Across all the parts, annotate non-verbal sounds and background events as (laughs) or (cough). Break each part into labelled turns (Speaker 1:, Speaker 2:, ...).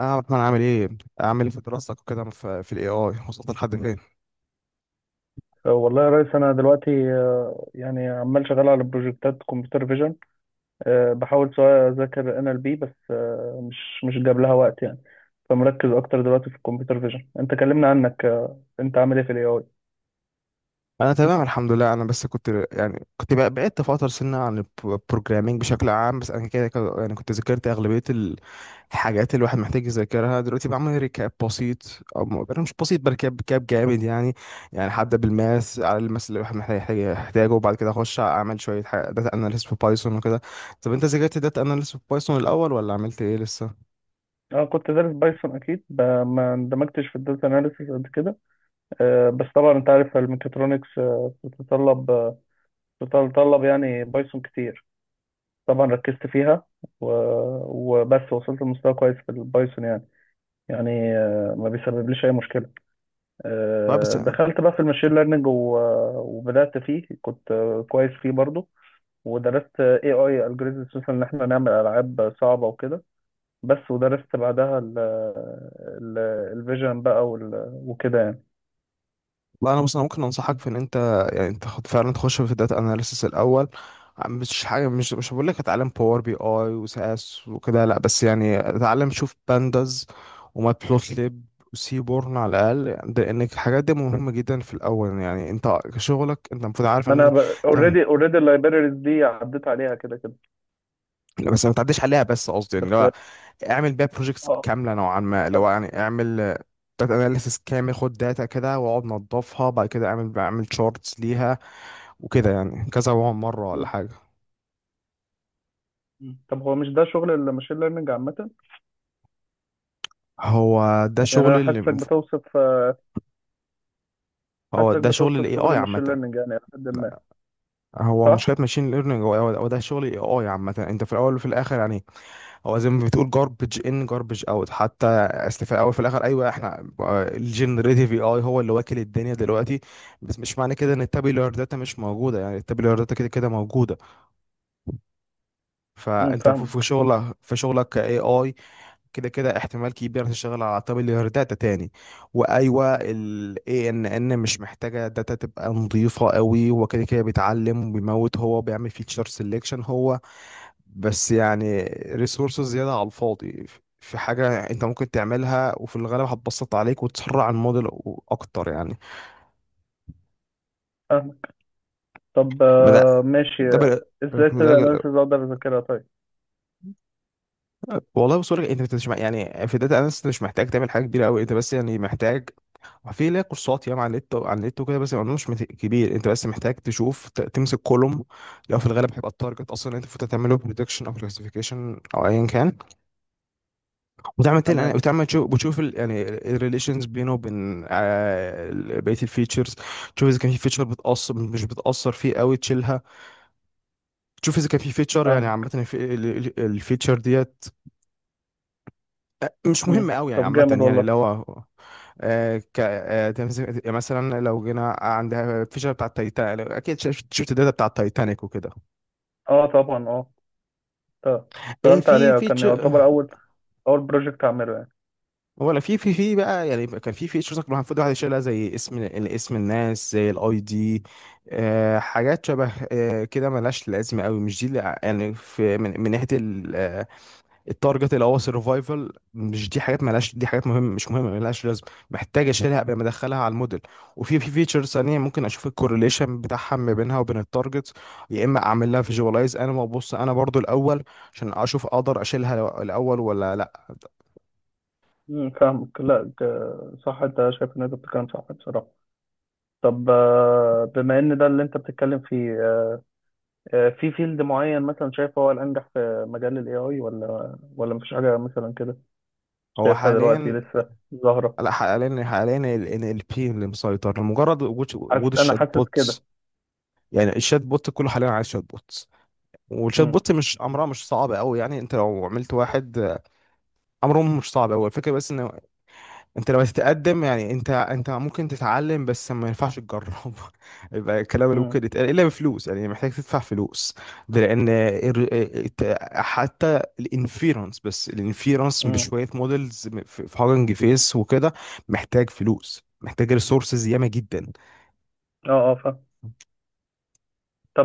Speaker 1: اه، احمد، عامل ايه؟ عامل ايه في دراستك وكده، في الاي اي وصلت لحد فين؟
Speaker 2: والله يا ريس انا دلوقتي، يعني عمال شغال على بروجكتات كمبيوتر فيجن. بحاول سواء اذاكر ان ال بي، بس مش جاب لها وقت يعني. فمركز اكتر دلوقتي في الكمبيوتر فيجن. انت كلمنا عنك، انت عامل ايه في الاي اي؟
Speaker 1: انا تمام الحمد لله. انا بس كنت، يعني، بعدت فتره سنه عن البروجرامينج بشكل عام. بس انا كده كده، يعني، كنت ذاكرت اغلبيه الحاجات اللي الواحد محتاج يذاكرها دلوقتي. بعمل ريكاب بسيط، أنا مش بسيط بركاب، ريكاب جامد يعني. يعني هبدا بالماس على الماس اللي الواحد محتاج يحتاجه، وبعد كده اخش اعمل شويه حاجة داتا اناليست في بايثون وكده. طب انت ذاكرت داتا اناليست في بايثون الاول ولا عملت ايه لسه؟
Speaker 2: اه، كنت دارس بايثون اكيد. ما اندمجتش في الداتا اناليسيس قد كده. بس طبعا انت عارف الميكاترونكس بتتطلب يعني بايثون كتير. طبعا ركزت فيها. و- وبس وصلت لمستوى كويس في البايثون يعني. يعني ما بيسببليش اي مشكله.
Speaker 1: طيب بس.
Speaker 2: دخلت بقى في الماشين ليرنينج، وبدات فيه. كنت كويس فيه برضو. ودرست اي اي الجوريزم، خصوصا ان احنا نعمل العاب صعبه وكده. بس ودرست بعدها الفيجن بقى، وكده يعني.
Speaker 1: لا، انا بص، انا ممكن انصحك في ان انت، يعني، انت خد فعلا تخش في الداتا اناليسيس الاول. مش حاجه، مش هقول لك اتعلم باور بي اي وسي اس وكده، لا، بس يعني اتعلم، شوف بانداز وماتبلوتليب وسيبورن على الاقل، يعني لان الحاجات دي مهمه جدا في الاول. يعني انت شغلك، انت المفروض عارف
Speaker 2: ما
Speaker 1: ان.
Speaker 2: انا
Speaker 1: تمام.
Speaker 2: اوريدي اللايبريز دي عديت عليها كده كده.
Speaker 1: لا، بس ما تعديش عليها، بس قصدي يعني
Speaker 2: بس
Speaker 1: لو اعمل بيها بروجيكتس
Speaker 2: اه،
Speaker 1: كامله نوعا ما، لو
Speaker 2: طب.
Speaker 1: يعني اعمل داتا اناليسيس كامل، خد داتا كده واقعد نضفها، بعد كده اعمل، بعمل شورتس ليها وكده، يعني كذا مره ولا
Speaker 2: م-
Speaker 1: حاجه.
Speaker 2: م. طب هو مش ده شغل الماشين ليرنينج عامه؟
Speaker 1: هو ده
Speaker 2: يعني
Speaker 1: شغل
Speaker 2: انا
Speaker 1: اللي مف- هو
Speaker 2: حاسسك
Speaker 1: ده شغل
Speaker 2: بتوصف
Speaker 1: الاي
Speaker 2: شغل
Speaker 1: اي
Speaker 2: الماشين
Speaker 1: عامه.
Speaker 2: ليرنينج، يعني لحد ما
Speaker 1: هو مش كده،
Speaker 2: صح.
Speaker 1: ماشين ليرنينج، هو ده شغل الاي اي عامه، انت في الاول وفي الاخر يعني. هو زي ما بتقول جاربج ان جاربج اوت، حتى أصل في الاول وفي الاخر، ايوه احنا، الجنريتيف اي اي هو اللي واكل الدنيا دلوقتي. بس مش معنى كده ان التابيلار داتا مش موجوده، يعني التابيلار داتا كده كده موجوده.
Speaker 2: امم،
Speaker 1: فانت في في
Speaker 2: فاهمك
Speaker 1: شغلك في شغلك كاي اي، كده كده احتمال كبير تشتغل على طابل داتا تاني. وايوه، ال اي ان ان مش محتاجه داتا تبقى نظيفه قوي، هو كده كده بيتعلم وبيموت، هو بيعمل فيتشر سelection هو، بس يعني ريسورسز زياده على الفاضي. في حاجه انت ممكن تعملها وفي الغالب هتبسط عليك وتسرع الموديل اكتر يعني.
Speaker 2: فاهمك. طب
Speaker 1: ما ده،
Speaker 2: ماشي،
Speaker 1: ده بقى-
Speaker 2: ازاي
Speaker 1: كنت ده
Speaker 2: تبدأ اناليسيز اقدر اذاكرها؟ طيب.
Speaker 1: والله بص لك، انت مش مع- يعني في داتا اناليست مش محتاج تعمل حاجه كبيره قوي، انت بس يعني محتاج، في ليها كورسات ياما على النت، وكده. بس الموضوع مش مت- كبير، انت بس محتاج تشوف، تمسك كولوم، لو في الغالب هيبقى التارجت اصلا، انت المفروض تعمله بريدكشن او كلاسيفيكيشن او ايا كان.
Speaker 2: تمام،
Speaker 1: وتعمل تشوف، يعني الريليشنز بينه وبين بقيه الفيتشرز. تشوف اذا كان في فيتشر بتاثر، مش بتاثر فيه قوي تشيلها. تشوف اذا كان في فيتشر، يعني عامه
Speaker 2: فاهمك.
Speaker 1: الفيتشر ديت مش مهمه قوي يعني
Speaker 2: طب
Speaker 1: عامه،
Speaker 2: جامد
Speaker 1: يعني
Speaker 2: والله.
Speaker 1: اللي هو، يعني مثلا لو جينا عندها فيشر بتاع التايتانيك، اكيد شفت الداتا بتاع التايتانيك وكده.
Speaker 2: اه طبعا، اه. طب
Speaker 1: ايه
Speaker 2: اشتغلت
Speaker 1: في
Speaker 2: عليها، كان
Speaker 1: فيتشر،
Speaker 2: يعتبر اول بروجكت اعمله يعني.
Speaker 1: ولا في بقى، يعني كان في فيتشرز المفروض الواحد يشيلها زي اسم الناس، زي الاي دي، حاجات شبه كده ملهاش لازمه قوي، مش دي يعني في من ناحيه التارجت الاول سرفايفل، مش دي حاجات مالهاش، دي حاجات مش مهمه، مالهاش لازم، محتاج اشيلها قبل ما ادخلها على الموديل. وفي فيتشرز ثانيه ممكن اشوف الكورليشن بتاعها ما بينها وبين التارجت، يا اما اعمل لها فيجواليز انا وابص انا برضو الاول، عشان اشوف اقدر اشيلها الاول ولا لا.
Speaker 2: فاهمك. لا صح، انت شايف ان انت بتتكلم صح بصراحة. طب بما ان ده اللي انت بتتكلم فيه، في فيلد معين مثلا شايف هو الانجح في مجال الاي اي، ولا مفيش حاجة مثلا كده
Speaker 1: هو
Speaker 2: شايفها دلوقتي
Speaker 1: حاليا،
Speaker 2: لسه ظاهرة؟
Speaker 1: لا، حاليا ال NLP اللي مسيطر، لمجرد وجود
Speaker 2: انا
Speaker 1: الشات
Speaker 2: حاسس
Speaker 1: بوتس،
Speaker 2: كده.
Speaker 1: يعني الشات بوت كله حاليا عايز شات بوتس. والشات
Speaker 2: امم
Speaker 1: بوت مش امرها، مش صعب قوي، يعني انت لو عملت واحد، امره مش صعب قوي. الفكره بس ان انت لما تتقدم، يعني انت، ممكن تتعلم بس ما ينفعش تجرب (laughs) يبقى الكلام اللي ممكن يتقال الا بفلوس، يعني محتاج تدفع فلوس. ده لان حتى الانفيرنس، بس الانفيرنس
Speaker 2: امم،
Speaker 1: بشويه مودلز في هاجنج فيس وكده محتاج فلوس، محتاج ريسورسز ياما جدا.
Speaker 2: اه اه، فاهم.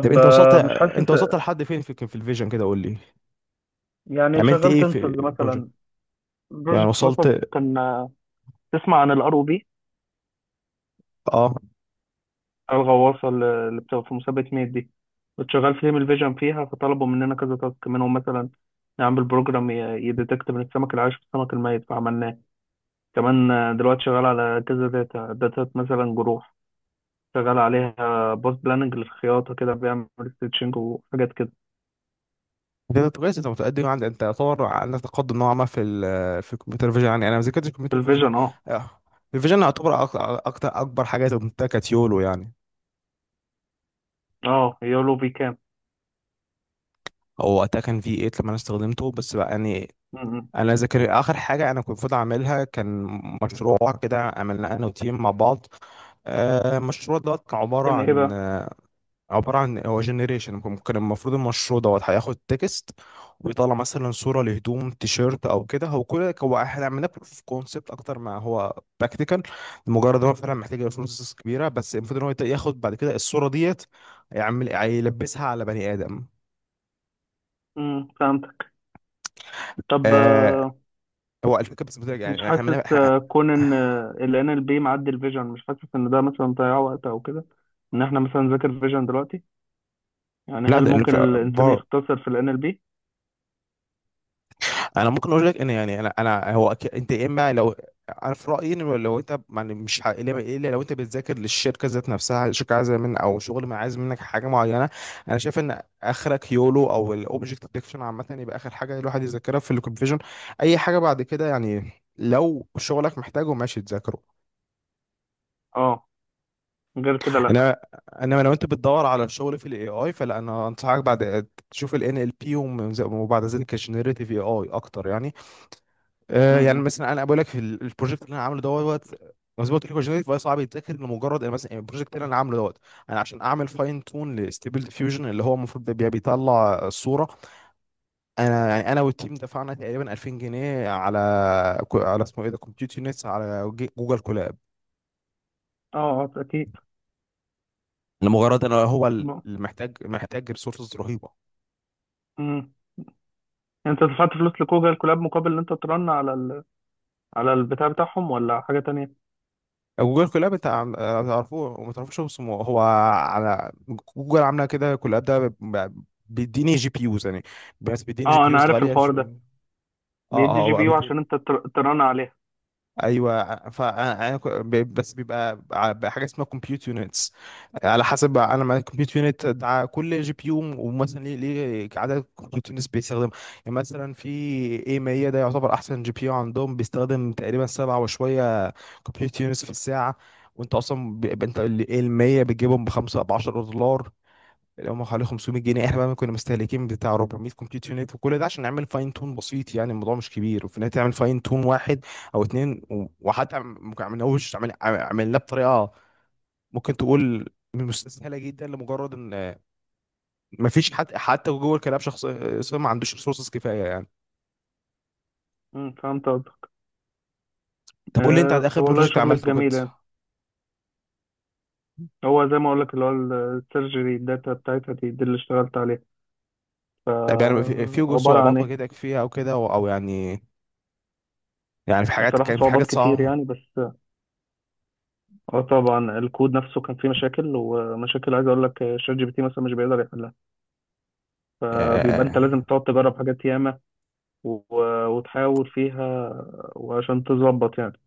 Speaker 1: طب انت وصلت،
Speaker 2: مش حاسس
Speaker 1: لحد فين في الفيجن كده قول لي،
Speaker 2: يعني.
Speaker 1: عملت
Speaker 2: شغلت
Speaker 1: ايه في
Speaker 2: انسز
Speaker 1: البروجكت،
Speaker 2: مثلا،
Speaker 1: يعني
Speaker 2: بروجكت
Speaker 1: وصلت.
Speaker 2: مثلا كان، تسمع عن ROV؟
Speaker 1: اه،
Speaker 2: الغواصه اللي بتبقى في مسابقه ميت دي. كنت شغال في تيم الفيجن فيها، فطلبوا مننا كذا تاسك منهم، مثلا نعمل بروجرام يديتكت من السمك العايش في السمك الميت، فعملناه. كمان دلوقتي شغال على كذا داتا مثلا جروح. شغال عليها. بوست بلاننج للخياطه كده بيعمل ستيتشنج وحاجات كده.
Speaker 1: ده كويس، انت متقدم، يعني انت يعتبر عندك تقدم نوعا ما في ال في الكمبيوتر فيجن، يعني انا ما ذاكرتش
Speaker 2: في
Speaker 1: الكمبيوتر فيجن.
Speaker 2: الفيجن، اه.
Speaker 1: آه، الفيجن يعتبر، اكتر، اكبر حاجه اتعلمتها كانت يولو يعني.
Speaker 2: اه، يولو في كام؟
Speaker 1: هو وقتها كان في 8 لما انا استخدمته، بس بقى يعني
Speaker 2: م.
Speaker 1: انا ذاكر اخر حاجه انا كنت المفروض اعملها، كان مشروع كده عملناه انا وتيم مع بعض. المشروع دوت كان عباره
Speaker 2: كان ايه
Speaker 1: عن،
Speaker 2: بقى؟
Speaker 1: عبارة عن هو جنريشن، ممكن، المفروض المشروع دوت هياخد تكست ويطلع مثلا صورة لهدوم تيشيرت أو كده. هو كل هو احنا عملنا بروف اوف كونسبت أكتر ما هو براكتيكال، لمجرد إن هو فعلا محتاج ريسورسز كبيرة. بس المفروض إن هو ياخد بعد كده الصورة ديت يعمل يلبسها على بني آدم.
Speaker 2: فهمت. طب
Speaker 1: آه هو الفكرة بس بترجع،
Speaker 2: مش
Speaker 1: يعني احنا
Speaker 2: حاسس كون ان ال NLP معدي الفيجن. مش حاسس ان ده مثلا ضياع وقت او كده، ان احنا مثلا نذاكر فيجن دلوقتي؟ يعني
Speaker 1: لا،
Speaker 2: هل
Speaker 1: ده
Speaker 2: ممكن الانسان يختصر في ال NLP؟
Speaker 1: انا ممكن اقول لك ان، يعني انا، هو، انت يا اما لو، انا في رايي ان لو انت يعني مش ح- الا، لو انت بتذاكر للشركه ذات نفسها، الشركه عايزه من، او شغل ما عايز منك حاجه معينه. انا شايف ان اخرك يولو او الاوبجكت ديتكشن عامه، يبقى اخر حاجه الواحد يذاكرها في الكونفيجن. اي حاجه بعد كده يعني، لو شغلك محتاجه ماشي تذاكره.
Speaker 2: اه. غير كده، لا.
Speaker 1: انا انما لو انت بتدور على الشغل في الاي اي فلا، انا انصحك بعد تشوف الان ال NLP، وبعد ذلك الجنريتيف اي اي اكتر يعني. يعني
Speaker 2: م.
Speaker 1: مثلا انا بقول لك في البروجكت اللي انا عامله دوت، زي ما قلت لك، جينيريت، فهو صعب يتذاكر، لمجرد يعني مثلا البروجكت اللي انا عامله دوت، انا عشان اعمل فاين تون لستيبل ديفيوجن اللي هو المفروض ده بيطلع الصوره، انا يعني انا والتيم دفعنا تقريبا 2000 جنيه على، اسمه ايه ده، كومبيوتر نتس، على جوجل كولاب،
Speaker 2: اه اه اكيد.
Speaker 1: لمجرد ان هو
Speaker 2: م-
Speaker 1: محتاج، ريسورسز رهيبه.
Speaker 2: م. انت دفعت فلوس لجوجل كولاب مقابل ان انت ترن على البتاع بتاعهم، ولا حاجة تانية؟
Speaker 1: جوجل كولاب، انت تعرفوه وما تعرفوش، هو اسمه، هو على جوجل عامله كده كولاب ده، بيديني جي بي يوز يعني، بس بيديني جي
Speaker 2: اه،
Speaker 1: بي
Speaker 2: انا
Speaker 1: يوز
Speaker 2: عارف
Speaker 1: غاليه،
Speaker 2: الحوار ده.
Speaker 1: اه
Speaker 2: بيدي
Speaker 1: اه
Speaker 2: جي بي
Speaker 1: هو
Speaker 2: يو عشان انت ترن عليها.
Speaker 1: ايوه ف، بس بيبقى بحاجه اسمها كومبيوت يونتس. على حسب انا مع الكمبيوت يونت ده، كل جي بي يو، ومثلا ليه، عدد كمبيوت يونتس بيستخدم، يعني مثلا في اي 100، ده يعتبر احسن جي بي يو عندهم، بيستخدم تقريبا سبعة وشويه كمبيوت يونتس في الساعه. وانت اصلا انت ال 100 بتجيبهم بخمسة، ب 10 دولار، اللي هم حوالي 500 جنيه. احنا بقى كنا مستهلكين بتاع 400 كومبيوتر يونت، وكل ده عشان نعمل فاين تون بسيط، يعني الموضوع مش كبير، وفي النهايه تعمل فاين تون واحد او اتنين، وحتى ما عملناهوش، عملناه بطريقه ممكن تقول مستسهله جدا، لمجرد ان ما فيش حد، حتى جوه الكلاب، شخص صار ما عندوش ريسورسز كفايه يعني.
Speaker 2: فهمت قصدك.
Speaker 1: طب قول لي انت على اخر
Speaker 2: والله
Speaker 1: بروجكت
Speaker 2: شغل
Speaker 1: عملته كده،
Speaker 2: جميل يعني. هو زي ما اقول لك اللي هو السيرجري، الداتا بتاعتها دي اللي اشتغلت عليها. ف،
Speaker 1: طب يعني في
Speaker 2: عباره عن
Speaker 1: صعوبات
Speaker 2: ايه؟
Speaker 1: واجهتك فيها او كده، او أو يعني، يعني في حاجات،
Speaker 2: بصراحه
Speaker 1: كان في حاجات
Speaker 2: صعوبات كتير
Speaker 1: صعبه.
Speaker 2: يعني. بس اه طبعا، الكود نفسه كان فيه مشاكل، ومشاكل عايز اقول لك شات جي بي تي مثلا مش بيقدر يحلها. فبيبقى انت لازم
Speaker 1: آه،
Speaker 2: تقعد تجرب حاجات ياما، وتحاول فيها وعشان تظبط يعني.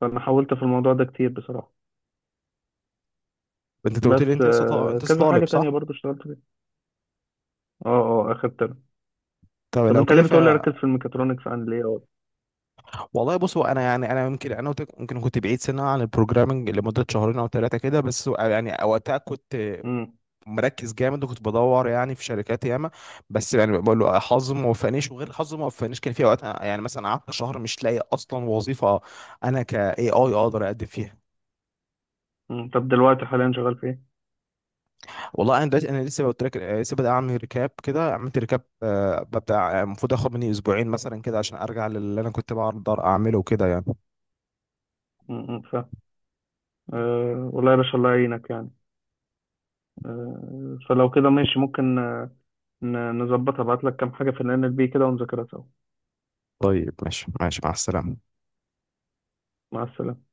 Speaker 2: فانا حاولت في الموضوع ده كتير بصراحه.
Speaker 1: انت قلت لي
Speaker 2: بس
Speaker 1: انت انت لسه
Speaker 2: كذا حاجه
Speaker 1: طالب
Speaker 2: تانية
Speaker 1: صح؟
Speaker 2: برضو اشتغلت فيها. اه اه، اخدت.
Speaker 1: طب
Speaker 2: طب
Speaker 1: لو
Speaker 2: انت
Speaker 1: كده،
Speaker 2: ليه بتقول لي ركز في الميكاترونكس؟ عن ليه؟ اه.
Speaker 1: والله بص، هو انا يعني، انا يمكن انا، ممكن كنت بعيد سنه عن البروجرامنج لمده شهرين او ثلاثه كده بس، يعني وقتها كنت
Speaker 2: امم
Speaker 1: مركز جامد، وكنت بدور يعني في شركات ياما، بس يعني بقول له حظي ما وفقنيش، وغير حظي ما وفقنيش، كان في اوقات يعني مثلا قعدت شهر مش لاقي اصلا وظيفه انا ك اي اي اقدر اقدم فيها.
Speaker 2: أمم. طب دلوقتي حاليا شغال في ايه؟
Speaker 1: والله انا دلوقتي، انا لسه قلت لك، لسه بدأ اعمل ريكاب كده، عملت ريكاب، ببدا، المفروض اخد مني اسبوعين مثلا كده عشان ارجع للي انا كنت بقدر اعمله كده يعني.
Speaker 2: م- م، فاهم. والله يا باشا، الله يعينك يعني. فلو كده ماشي، ممكن نظبطها. ابعت لك كام حاجة في ال NLP كده ونذاكرها سوا.
Speaker 1: طيب ماشي، ماشي، مع السلامه.
Speaker 2: مع السلامة.